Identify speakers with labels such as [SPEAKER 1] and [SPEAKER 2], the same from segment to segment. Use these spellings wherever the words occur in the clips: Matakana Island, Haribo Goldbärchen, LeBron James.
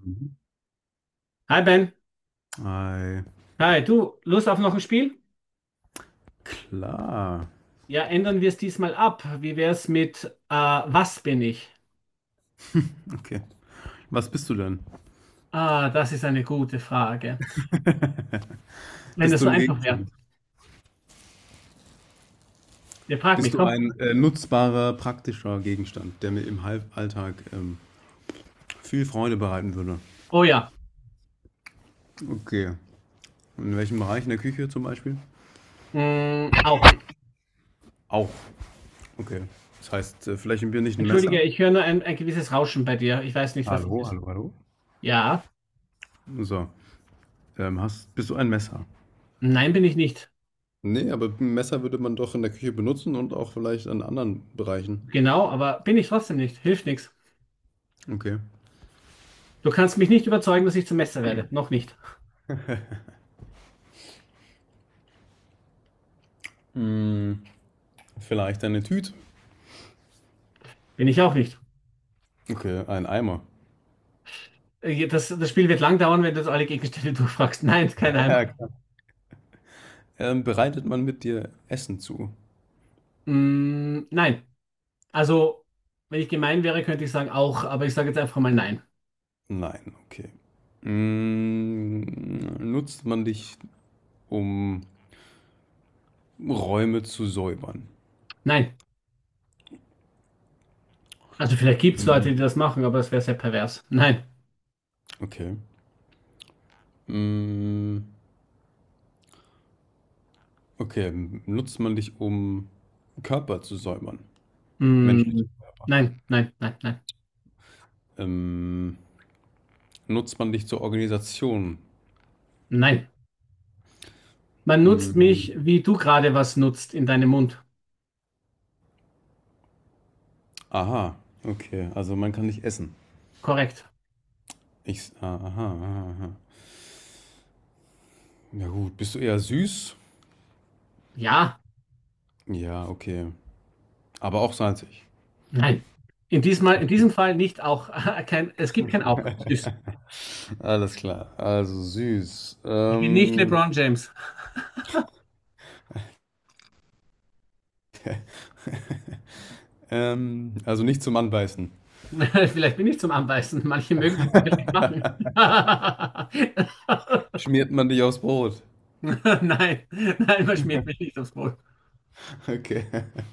[SPEAKER 1] Mhm.
[SPEAKER 2] Hi Ben,
[SPEAKER 1] Ei,
[SPEAKER 2] hi, du, Lust auf noch ein Spiel?
[SPEAKER 1] klar.
[SPEAKER 2] Ja, ändern wir es diesmal ab. Wie wär's mit Was bin ich?
[SPEAKER 1] Okay. Was bist du denn?
[SPEAKER 2] Ah, das ist eine gute Frage. Wenn
[SPEAKER 1] Bist
[SPEAKER 2] das
[SPEAKER 1] du
[SPEAKER 2] so
[SPEAKER 1] ein
[SPEAKER 2] einfach wäre.
[SPEAKER 1] Gegenstand?
[SPEAKER 2] Ihr fragt mich,
[SPEAKER 1] Bist du
[SPEAKER 2] komm.
[SPEAKER 1] ein, nutzbarer, praktischer Gegenstand, der mir im Hal Alltag viel Freude bereiten würde?
[SPEAKER 2] Oh ja,
[SPEAKER 1] Okay. In welchem Bereich? In der Küche zum Beispiel?
[SPEAKER 2] auch.
[SPEAKER 1] Auch. Okay. Das heißt, vielleicht im Bier nicht ein
[SPEAKER 2] Entschuldige,
[SPEAKER 1] Messer?
[SPEAKER 2] ich höre nur ein gewisses Rauschen bei dir. Ich weiß nicht, was das
[SPEAKER 1] Hallo,
[SPEAKER 2] ist.
[SPEAKER 1] hallo, hallo?
[SPEAKER 2] Ja,
[SPEAKER 1] So, hast bist du ein Messer?
[SPEAKER 2] nein, bin ich nicht.
[SPEAKER 1] Ne, aber 'n Messer würde man doch in der Küche benutzen und auch vielleicht an anderen Bereichen.
[SPEAKER 2] Genau, aber bin ich trotzdem nicht. Hilft nichts.
[SPEAKER 1] Okay.
[SPEAKER 2] Du kannst mich nicht überzeugen, dass ich zum Messer werde. Noch nicht.
[SPEAKER 1] Hm, vielleicht eine Tüte?
[SPEAKER 2] Bin ich auch nicht.
[SPEAKER 1] Okay, ein Eimer.
[SPEAKER 2] Das Spiel wird lang dauern, wenn du jetzt alle Gegenstände durchfragst. Nein,
[SPEAKER 1] Ja,
[SPEAKER 2] kein
[SPEAKER 1] ja,
[SPEAKER 2] Heimat.
[SPEAKER 1] klar. Bereitet man mit dir Essen zu?
[SPEAKER 2] Mm, nein. Also, wenn ich gemein wäre, könnte ich sagen auch, aber ich sage jetzt einfach mal nein.
[SPEAKER 1] Nein, okay. Mm, nutzt man dich, um Räume zu säubern?
[SPEAKER 2] Nein. Also vielleicht gibt es Leute,
[SPEAKER 1] Mhm.
[SPEAKER 2] die das machen, aber das wäre sehr pervers. Nein.
[SPEAKER 1] Okay. Mm, okay, nutzt man dich, um Körper zu säubern? Menschliche
[SPEAKER 2] Mm,
[SPEAKER 1] Körper.
[SPEAKER 2] nein, nein, nein, nein,
[SPEAKER 1] Ähm, nutzt man dich zur Organisation?
[SPEAKER 2] nein. Man nutzt
[SPEAKER 1] Mm,
[SPEAKER 2] mich, wie du gerade was nutzt in deinem Mund.
[SPEAKER 1] aha, okay, also man kann dich essen.
[SPEAKER 2] Korrekt.
[SPEAKER 1] Aha, aha, aha. Ja gut, bist du eher süß?
[SPEAKER 2] Ja,
[SPEAKER 1] Ja, okay. Aber auch salzig.
[SPEAKER 2] nein. In diesem Fall nicht auch. Kein, es gibt kein auch. Süß.
[SPEAKER 1] Alles klar. Also süß.
[SPEAKER 2] Ich bin nicht LeBron James.
[SPEAKER 1] Also nicht zum Anbeißen.
[SPEAKER 2] Vielleicht bin ich zum Anbeißen. Manche mögen das vielleicht machen.
[SPEAKER 1] Schmiert man dich aufs Brot.
[SPEAKER 2] Nein, nein, man schmiert mich nicht aufs Maul.
[SPEAKER 1] Okay.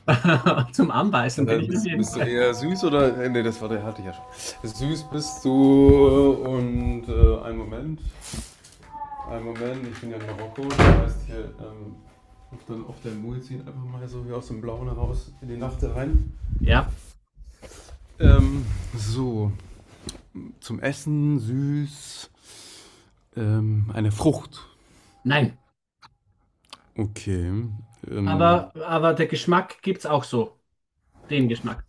[SPEAKER 2] Zum Anbeißen bin ich auf jeden
[SPEAKER 1] Bist du
[SPEAKER 2] Fall.
[SPEAKER 1] eher süß oder. Nee, das war der hatte ich ja schon. Süß bist du und einen Moment. Einen Moment, ich bin ja in Marokko. Das heißt hier, auf der Muizin einfach mal so wie aus dem Blauen heraus in die Nacht rein.
[SPEAKER 2] Ja,
[SPEAKER 1] Ähm, so, zum Essen süß. Eine Frucht.
[SPEAKER 2] nein.
[SPEAKER 1] Okay. Ähm,
[SPEAKER 2] Aber der Geschmack gibt es auch so. Den Geschmack.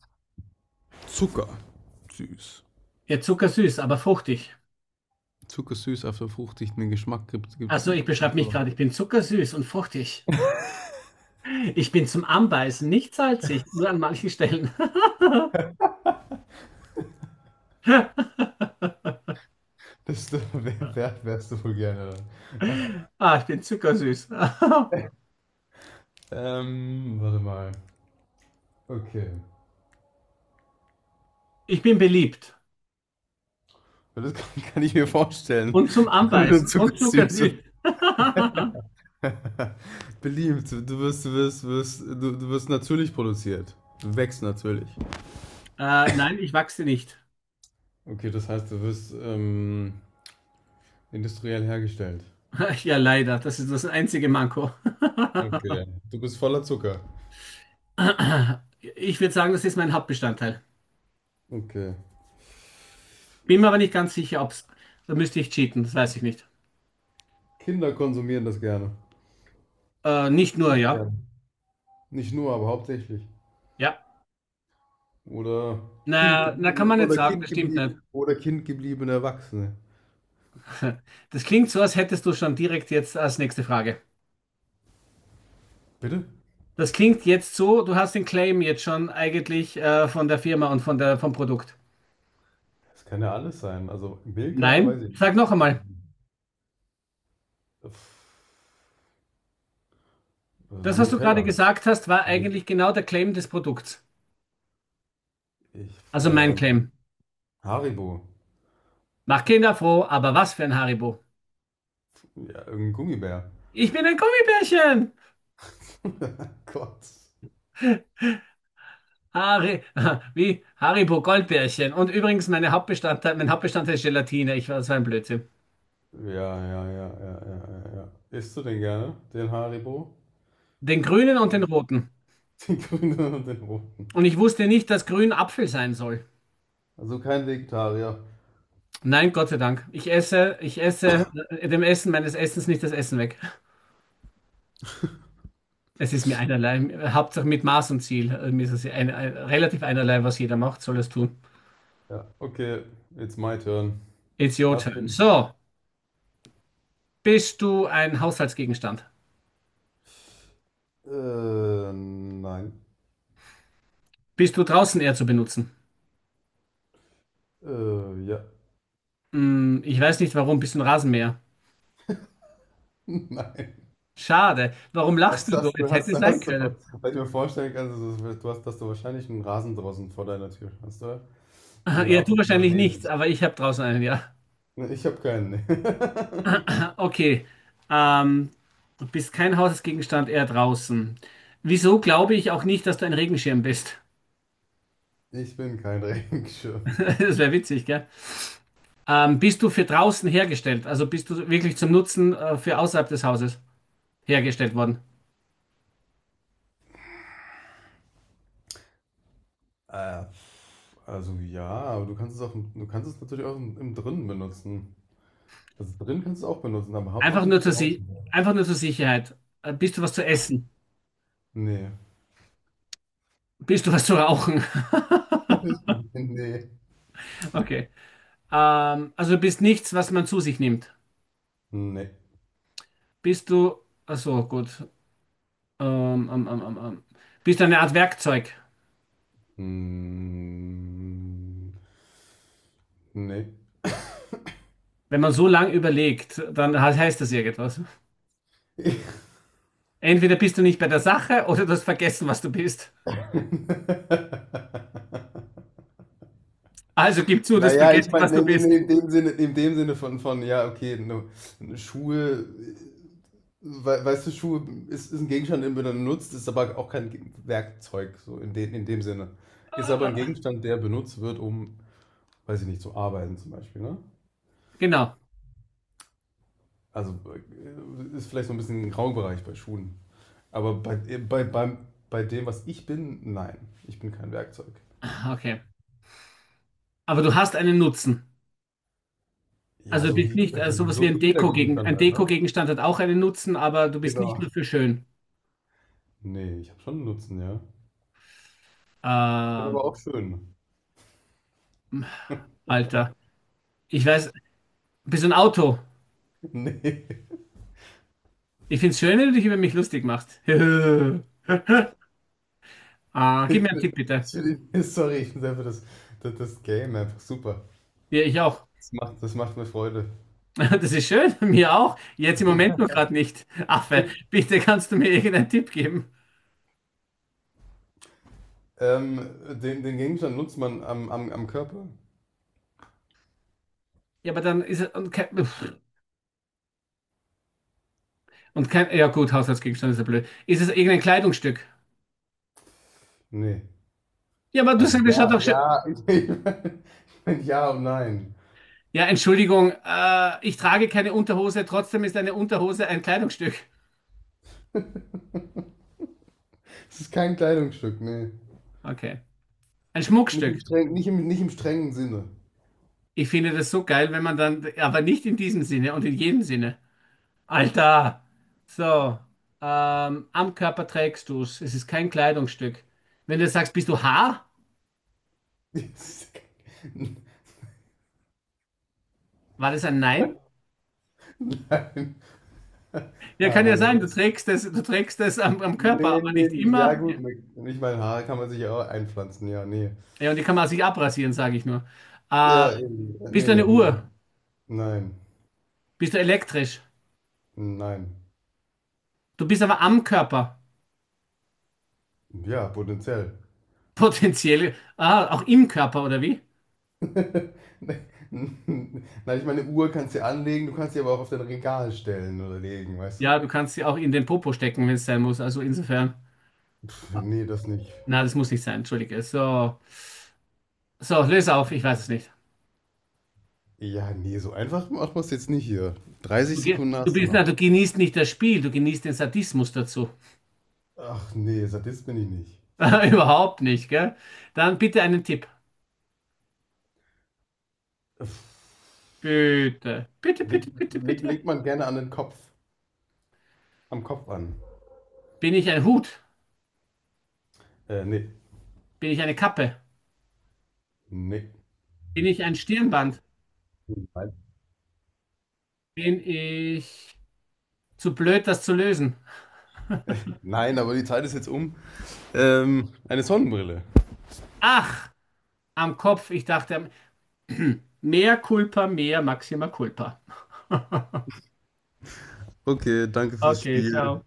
[SPEAKER 1] Zucker. Süß.
[SPEAKER 2] Ja, zuckersüß, aber fruchtig.
[SPEAKER 1] Zuckersüß auf der fruchtigen Geschmack gibt
[SPEAKER 2] Also ich
[SPEAKER 1] es
[SPEAKER 2] beschreibe mich
[SPEAKER 1] auch.
[SPEAKER 2] gerade, ich bin zuckersüß und fruchtig. Ich bin zum Anbeißen, nicht salzig, nur an manchen Stellen.
[SPEAKER 1] Das, wärst du wohl gerne dann?
[SPEAKER 2] Ah, ich bin zuckersüß.
[SPEAKER 1] Warte mal. Okay.
[SPEAKER 2] Ich bin beliebt.
[SPEAKER 1] Ja, das kann ich mir vorstellen.
[SPEAKER 2] Und zum
[SPEAKER 1] Wenn du
[SPEAKER 2] Anbeißen. Und
[SPEAKER 1] zuckersüß.
[SPEAKER 2] zuckersüß.
[SPEAKER 1] Beliebt. Du wirst natürlich produziert. Du wächst natürlich.
[SPEAKER 2] Nein, ich wachse nicht.
[SPEAKER 1] Okay, das heißt, du wirst industriell hergestellt.
[SPEAKER 2] Ja, leider. Das ist das einzige Manko.
[SPEAKER 1] Okay. Du bist voller Zucker.
[SPEAKER 2] Ich würde sagen, das ist mein Hauptbestandteil.
[SPEAKER 1] Okay.
[SPEAKER 2] Bin mir aber nicht ganz sicher, ob's. Da müsste ich cheaten, das weiß ich nicht.
[SPEAKER 1] Kinder konsumieren das gerne.
[SPEAKER 2] Nicht nur,
[SPEAKER 1] Ich
[SPEAKER 2] ja.
[SPEAKER 1] gerne. Nicht nur, aber hauptsächlich.
[SPEAKER 2] Ja.
[SPEAKER 1] Oder
[SPEAKER 2] Na, na, kann man nicht sagen, das stimmt nicht.
[SPEAKER 1] kindgebliebene Erwachsene.
[SPEAKER 2] Das klingt so, als hättest du schon direkt jetzt als nächste Frage.
[SPEAKER 1] Bitte?
[SPEAKER 2] Das klingt jetzt so, du hast den Claim jetzt schon eigentlich von der Firma und vom Produkt.
[SPEAKER 1] Das kann ja alles sein. Also Milka, weiß
[SPEAKER 2] Nein,
[SPEAKER 1] ich nicht.
[SPEAKER 2] sag noch einmal.
[SPEAKER 1] Pff, also
[SPEAKER 2] Das, was du gerade
[SPEAKER 1] Nutella.
[SPEAKER 2] gesagt hast, war eigentlich genau der Claim des Produkts.
[SPEAKER 1] Ich,
[SPEAKER 2] Also mein
[SPEAKER 1] ähm,
[SPEAKER 2] Claim.
[SPEAKER 1] Haribo.
[SPEAKER 2] Mach Kinder froh, aber was für ein Haribo.
[SPEAKER 1] Ja, irgendein Gummibär.
[SPEAKER 2] Ich bin ein Gummibärchen!
[SPEAKER 1] Gott.
[SPEAKER 2] Harry, wie Haribo Goldbärchen. Und übrigens, mein Hauptbestandteil ist Gelatine. Das war ein Blödsinn.
[SPEAKER 1] Ja, ja, ja, ja, ja, ja, ja. Isst du den gerne, den Haribo?
[SPEAKER 2] Den grünen und den roten.
[SPEAKER 1] Den grünen und den roten.
[SPEAKER 2] Und ich wusste nicht, dass grün Apfel sein soll.
[SPEAKER 1] Also kein Vegetarier.
[SPEAKER 2] Nein, Gott sei Dank. Ich esse dem Essen meines Essens nicht das Essen weg. Es ist mir einerlei. Hauptsache mit Maß und Ziel. Mir ist es ja relativ einerlei, was jeder macht, soll es tun.
[SPEAKER 1] Ja, okay, it's my turn.
[SPEAKER 2] It's your turn.
[SPEAKER 1] Martin.
[SPEAKER 2] So, bist du ein Haushaltsgegenstand?
[SPEAKER 1] Nein.
[SPEAKER 2] Bist du draußen eher zu benutzen?
[SPEAKER 1] Ja.
[SPEAKER 2] Ich weiß nicht warum. Bist du ein Rasenmäher?
[SPEAKER 1] Nein.
[SPEAKER 2] Schade. Warum lachst du so? Es hätte sein
[SPEAKER 1] Hast du,
[SPEAKER 2] können.
[SPEAKER 1] weil ich mir vorstellen kann, du hast, dass du wahrscheinlich einen Rasen draußen vor deiner Tür hast, oder?
[SPEAKER 2] Aha,
[SPEAKER 1] Den du
[SPEAKER 2] ja,
[SPEAKER 1] ab
[SPEAKER 2] du
[SPEAKER 1] und zu mal
[SPEAKER 2] wahrscheinlich
[SPEAKER 1] wehen
[SPEAKER 2] nicht,
[SPEAKER 1] musst.
[SPEAKER 2] aber ich habe draußen einen, ja.
[SPEAKER 1] Ne, ich habe keinen. Nee.
[SPEAKER 2] Okay. Ähm, du bist kein Hausgegenstand, eher draußen. Wieso glaube ich auch nicht, dass du ein Regenschirm bist?
[SPEAKER 1] Ich bin kein Regenschirm.
[SPEAKER 2] Das wäre witzig, gell? Bist du für draußen hergestellt? Also bist du wirklich zum Nutzen für außerhalb des Hauses hergestellt worden?
[SPEAKER 1] Äh, also ja, aber du kannst es auch, du kannst es natürlich auch im Drinnen benutzen. Also drin kannst du es auch benutzen, aber
[SPEAKER 2] Einfach
[SPEAKER 1] hauptsächlich
[SPEAKER 2] nur
[SPEAKER 1] für
[SPEAKER 2] zur Sie
[SPEAKER 1] draußen.
[SPEAKER 2] einfach nur zur Sicherheit. Bist du was zu essen?
[SPEAKER 1] Nee.
[SPEAKER 2] Bist du was zu rauchen?
[SPEAKER 1] Nee.
[SPEAKER 2] Okay. Also du bist nichts, was man zu sich nimmt.
[SPEAKER 1] Nee.
[SPEAKER 2] Bist du. Ach so, gut. Ähm, ähm, ähm, ähm, ähm. Bist du eine Art Werkzeug?
[SPEAKER 1] Mm, nee.
[SPEAKER 2] Wenn man so lang überlegt, dann heißt das irgendwas. Entweder bist du nicht bei der Sache oder du hast vergessen, was du bist. Also gib zu, dass du
[SPEAKER 1] Naja, ich
[SPEAKER 2] vergessen, was
[SPEAKER 1] meine,
[SPEAKER 2] du bist.
[SPEAKER 1] in dem Sinne von ja, okay, ne, Schuhe, weißt du, Schuhe ist ein Gegenstand, den man benutzt, ist aber auch kein Werkzeug, so in dem Sinne. Ist aber ein
[SPEAKER 2] Ah,
[SPEAKER 1] Gegenstand, der benutzt wird, um, weiß ich nicht, zu arbeiten zum Beispiel, ne?
[SPEAKER 2] Genau.
[SPEAKER 1] Also ist vielleicht so ein bisschen ein Graubereich bei Schuhen. Aber bei dem, was ich bin, nein, ich bin kein Werkzeug.
[SPEAKER 2] Okay. Aber du hast einen Nutzen.
[SPEAKER 1] Ja,
[SPEAKER 2] Also du
[SPEAKER 1] so
[SPEAKER 2] bist
[SPEAKER 1] wie
[SPEAKER 2] nicht
[SPEAKER 1] jeder,
[SPEAKER 2] sowas wie
[SPEAKER 1] So
[SPEAKER 2] ein
[SPEAKER 1] wie jeder Gegenstand halt, ne?
[SPEAKER 2] Deko-Gegenstand hat auch einen Nutzen, aber du bist nicht
[SPEAKER 1] Genau.
[SPEAKER 2] nur für schön.
[SPEAKER 1] Nee, ich habe schon einen Nutzen, ja. Ich bin aber
[SPEAKER 2] Ähm,
[SPEAKER 1] auch schön.
[SPEAKER 2] Alter. Ich weiß, bist du ein Auto?
[SPEAKER 1] Nee,
[SPEAKER 2] Ich find's schön, wenn du dich über mich lustig machst. Gib mir
[SPEAKER 1] ich
[SPEAKER 2] einen Tipp,
[SPEAKER 1] bin,
[SPEAKER 2] bitte.
[SPEAKER 1] ich bin, sorry, ich finde einfach das Game einfach super.
[SPEAKER 2] Ja, ich auch.
[SPEAKER 1] Das macht mir Freude.
[SPEAKER 2] Das ist schön, mir auch. Jetzt im Moment nur gerade nicht. Affe, bitte kannst du mir irgendeinen Tipp geben?
[SPEAKER 1] Ähm, den Gegenstand nutzt man am Körper?
[SPEAKER 2] Ja, aber dann ist es. Und kein. Ja, gut, Haushaltsgegenstand ist ja blöd. Ist es irgendein Kleidungsstück?
[SPEAKER 1] Nee.
[SPEAKER 2] Ja, aber du
[SPEAKER 1] Also
[SPEAKER 2] sagst, das schaut
[SPEAKER 1] ja,
[SPEAKER 2] doch schön.
[SPEAKER 1] ja, ich mein, ja und nein.
[SPEAKER 2] Ja, Entschuldigung, ich trage keine Unterhose, trotzdem ist eine Unterhose ein Kleidungsstück.
[SPEAKER 1] Es ist kein Kleidungsstück, nee.
[SPEAKER 2] Okay. Ein
[SPEAKER 1] Nicht
[SPEAKER 2] Schmuckstück.
[SPEAKER 1] im strengen, nicht im strengen Sinne.
[SPEAKER 2] Ich finde das so geil, wenn man dann. Aber nicht in diesem Sinne und in jedem Sinne. Alter! So. Am Körper trägst du es. Es ist kein Kleidungsstück. Wenn du sagst, bist du Haar? War das ein Nein?
[SPEAKER 1] Nein.
[SPEAKER 2] Ja, kann
[SPEAKER 1] Haare,
[SPEAKER 2] ja
[SPEAKER 1] ja.
[SPEAKER 2] sein, du
[SPEAKER 1] Das,
[SPEAKER 2] trägst das, du trägst das am Körper, aber nicht
[SPEAKER 1] nee. Ja,
[SPEAKER 2] immer.
[SPEAKER 1] gut. Ich meine, Haare kann man sich ja auch einpflanzen. Ja, nee.
[SPEAKER 2] Ja, und die kann man sich abrasieren, sage ich nur. Äh,
[SPEAKER 1] Ja, eben.
[SPEAKER 2] bist du
[SPEAKER 1] Nee,
[SPEAKER 2] eine
[SPEAKER 1] nee.
[SPEAKER 2] Uhr?
[SPEAKER 1] Nein.
[SPEAKER 2] Bist du elektrisch?
[SPEAKER 1] Nein.
[SPEAKER 2] Du bist aber am Körper.
[SPEAKER 1] Ja, potenziell.
[SPEAKER 2] Potenziell. Auch im Körper, oder wie?
[SPEAKER 1] Nein, ich meine, Uhr kannst du ja anlegen, du kannst sie aber auch auf dein Regal stellen oder legen, weißt du?
[SPEAKER 2] Ja, du kannst sie auch in den Popo stecken, wenn es sein muss. Also insofern.
[SPEAKER 1] Pff, nee, das nicht.
[SPEAKER 2] Na, das muss nicht sein, entschuldige. So, löse auf, ich weiß es nicht.
[SPEAKER 1] Ja, nee, so einfach macht man es jetzt nicht hier.
[SPEAKER 2] Du,
[SPEAKER 1] 30
[SPEAKER 2] ge-
[SPEAKER 1] Sekunden
[SPEAKER 2] du
[SPEAKER 1] hast du
[SPEAKER 2] bist, na,
[SPEAKER 1] noch.
[SPEAKER 2] du genießt nicht das Spiel, du genießt den Sadismus dazu.
[SPEAKER 1] Ach nee, Sadist bin ich nicht.
[SPEAKER 2] Überhaupt nicht, gell? Dann bitte einen Tipp. Bitte, bitte, bitte, bitte, bitte.
[SPEAKER 1] Legt man gerne an den Kopf, am Kopf an.
[SPEAKER 2] Bin ich ein Hut?
[SPEAKER 1] Äh, nee,
[SPEAKER 2] Bin ich eine Kappe?
[SPEAKER 1] nee.
[SPEAKER 2] Bin ich ein Stirnband?
[SPEAKER 1] Nein.
[SPEAKER 2] Bin ich zu blöd, das zu lösen?
[SPEAKER 1] Nein, aber die Zeit ist jetzt um. Eine Sonnenbrille.
[SPEAKER 2] Ach, am Kopf. Ich dachte, mehr Culpa, mehr Maxima Culpa.
[SPEAKER 1] Okay, danke fürs
[SPEAKER 2] Okay,
[SPEAKER 1] Spiel.
[SPEAKER 2] ciao.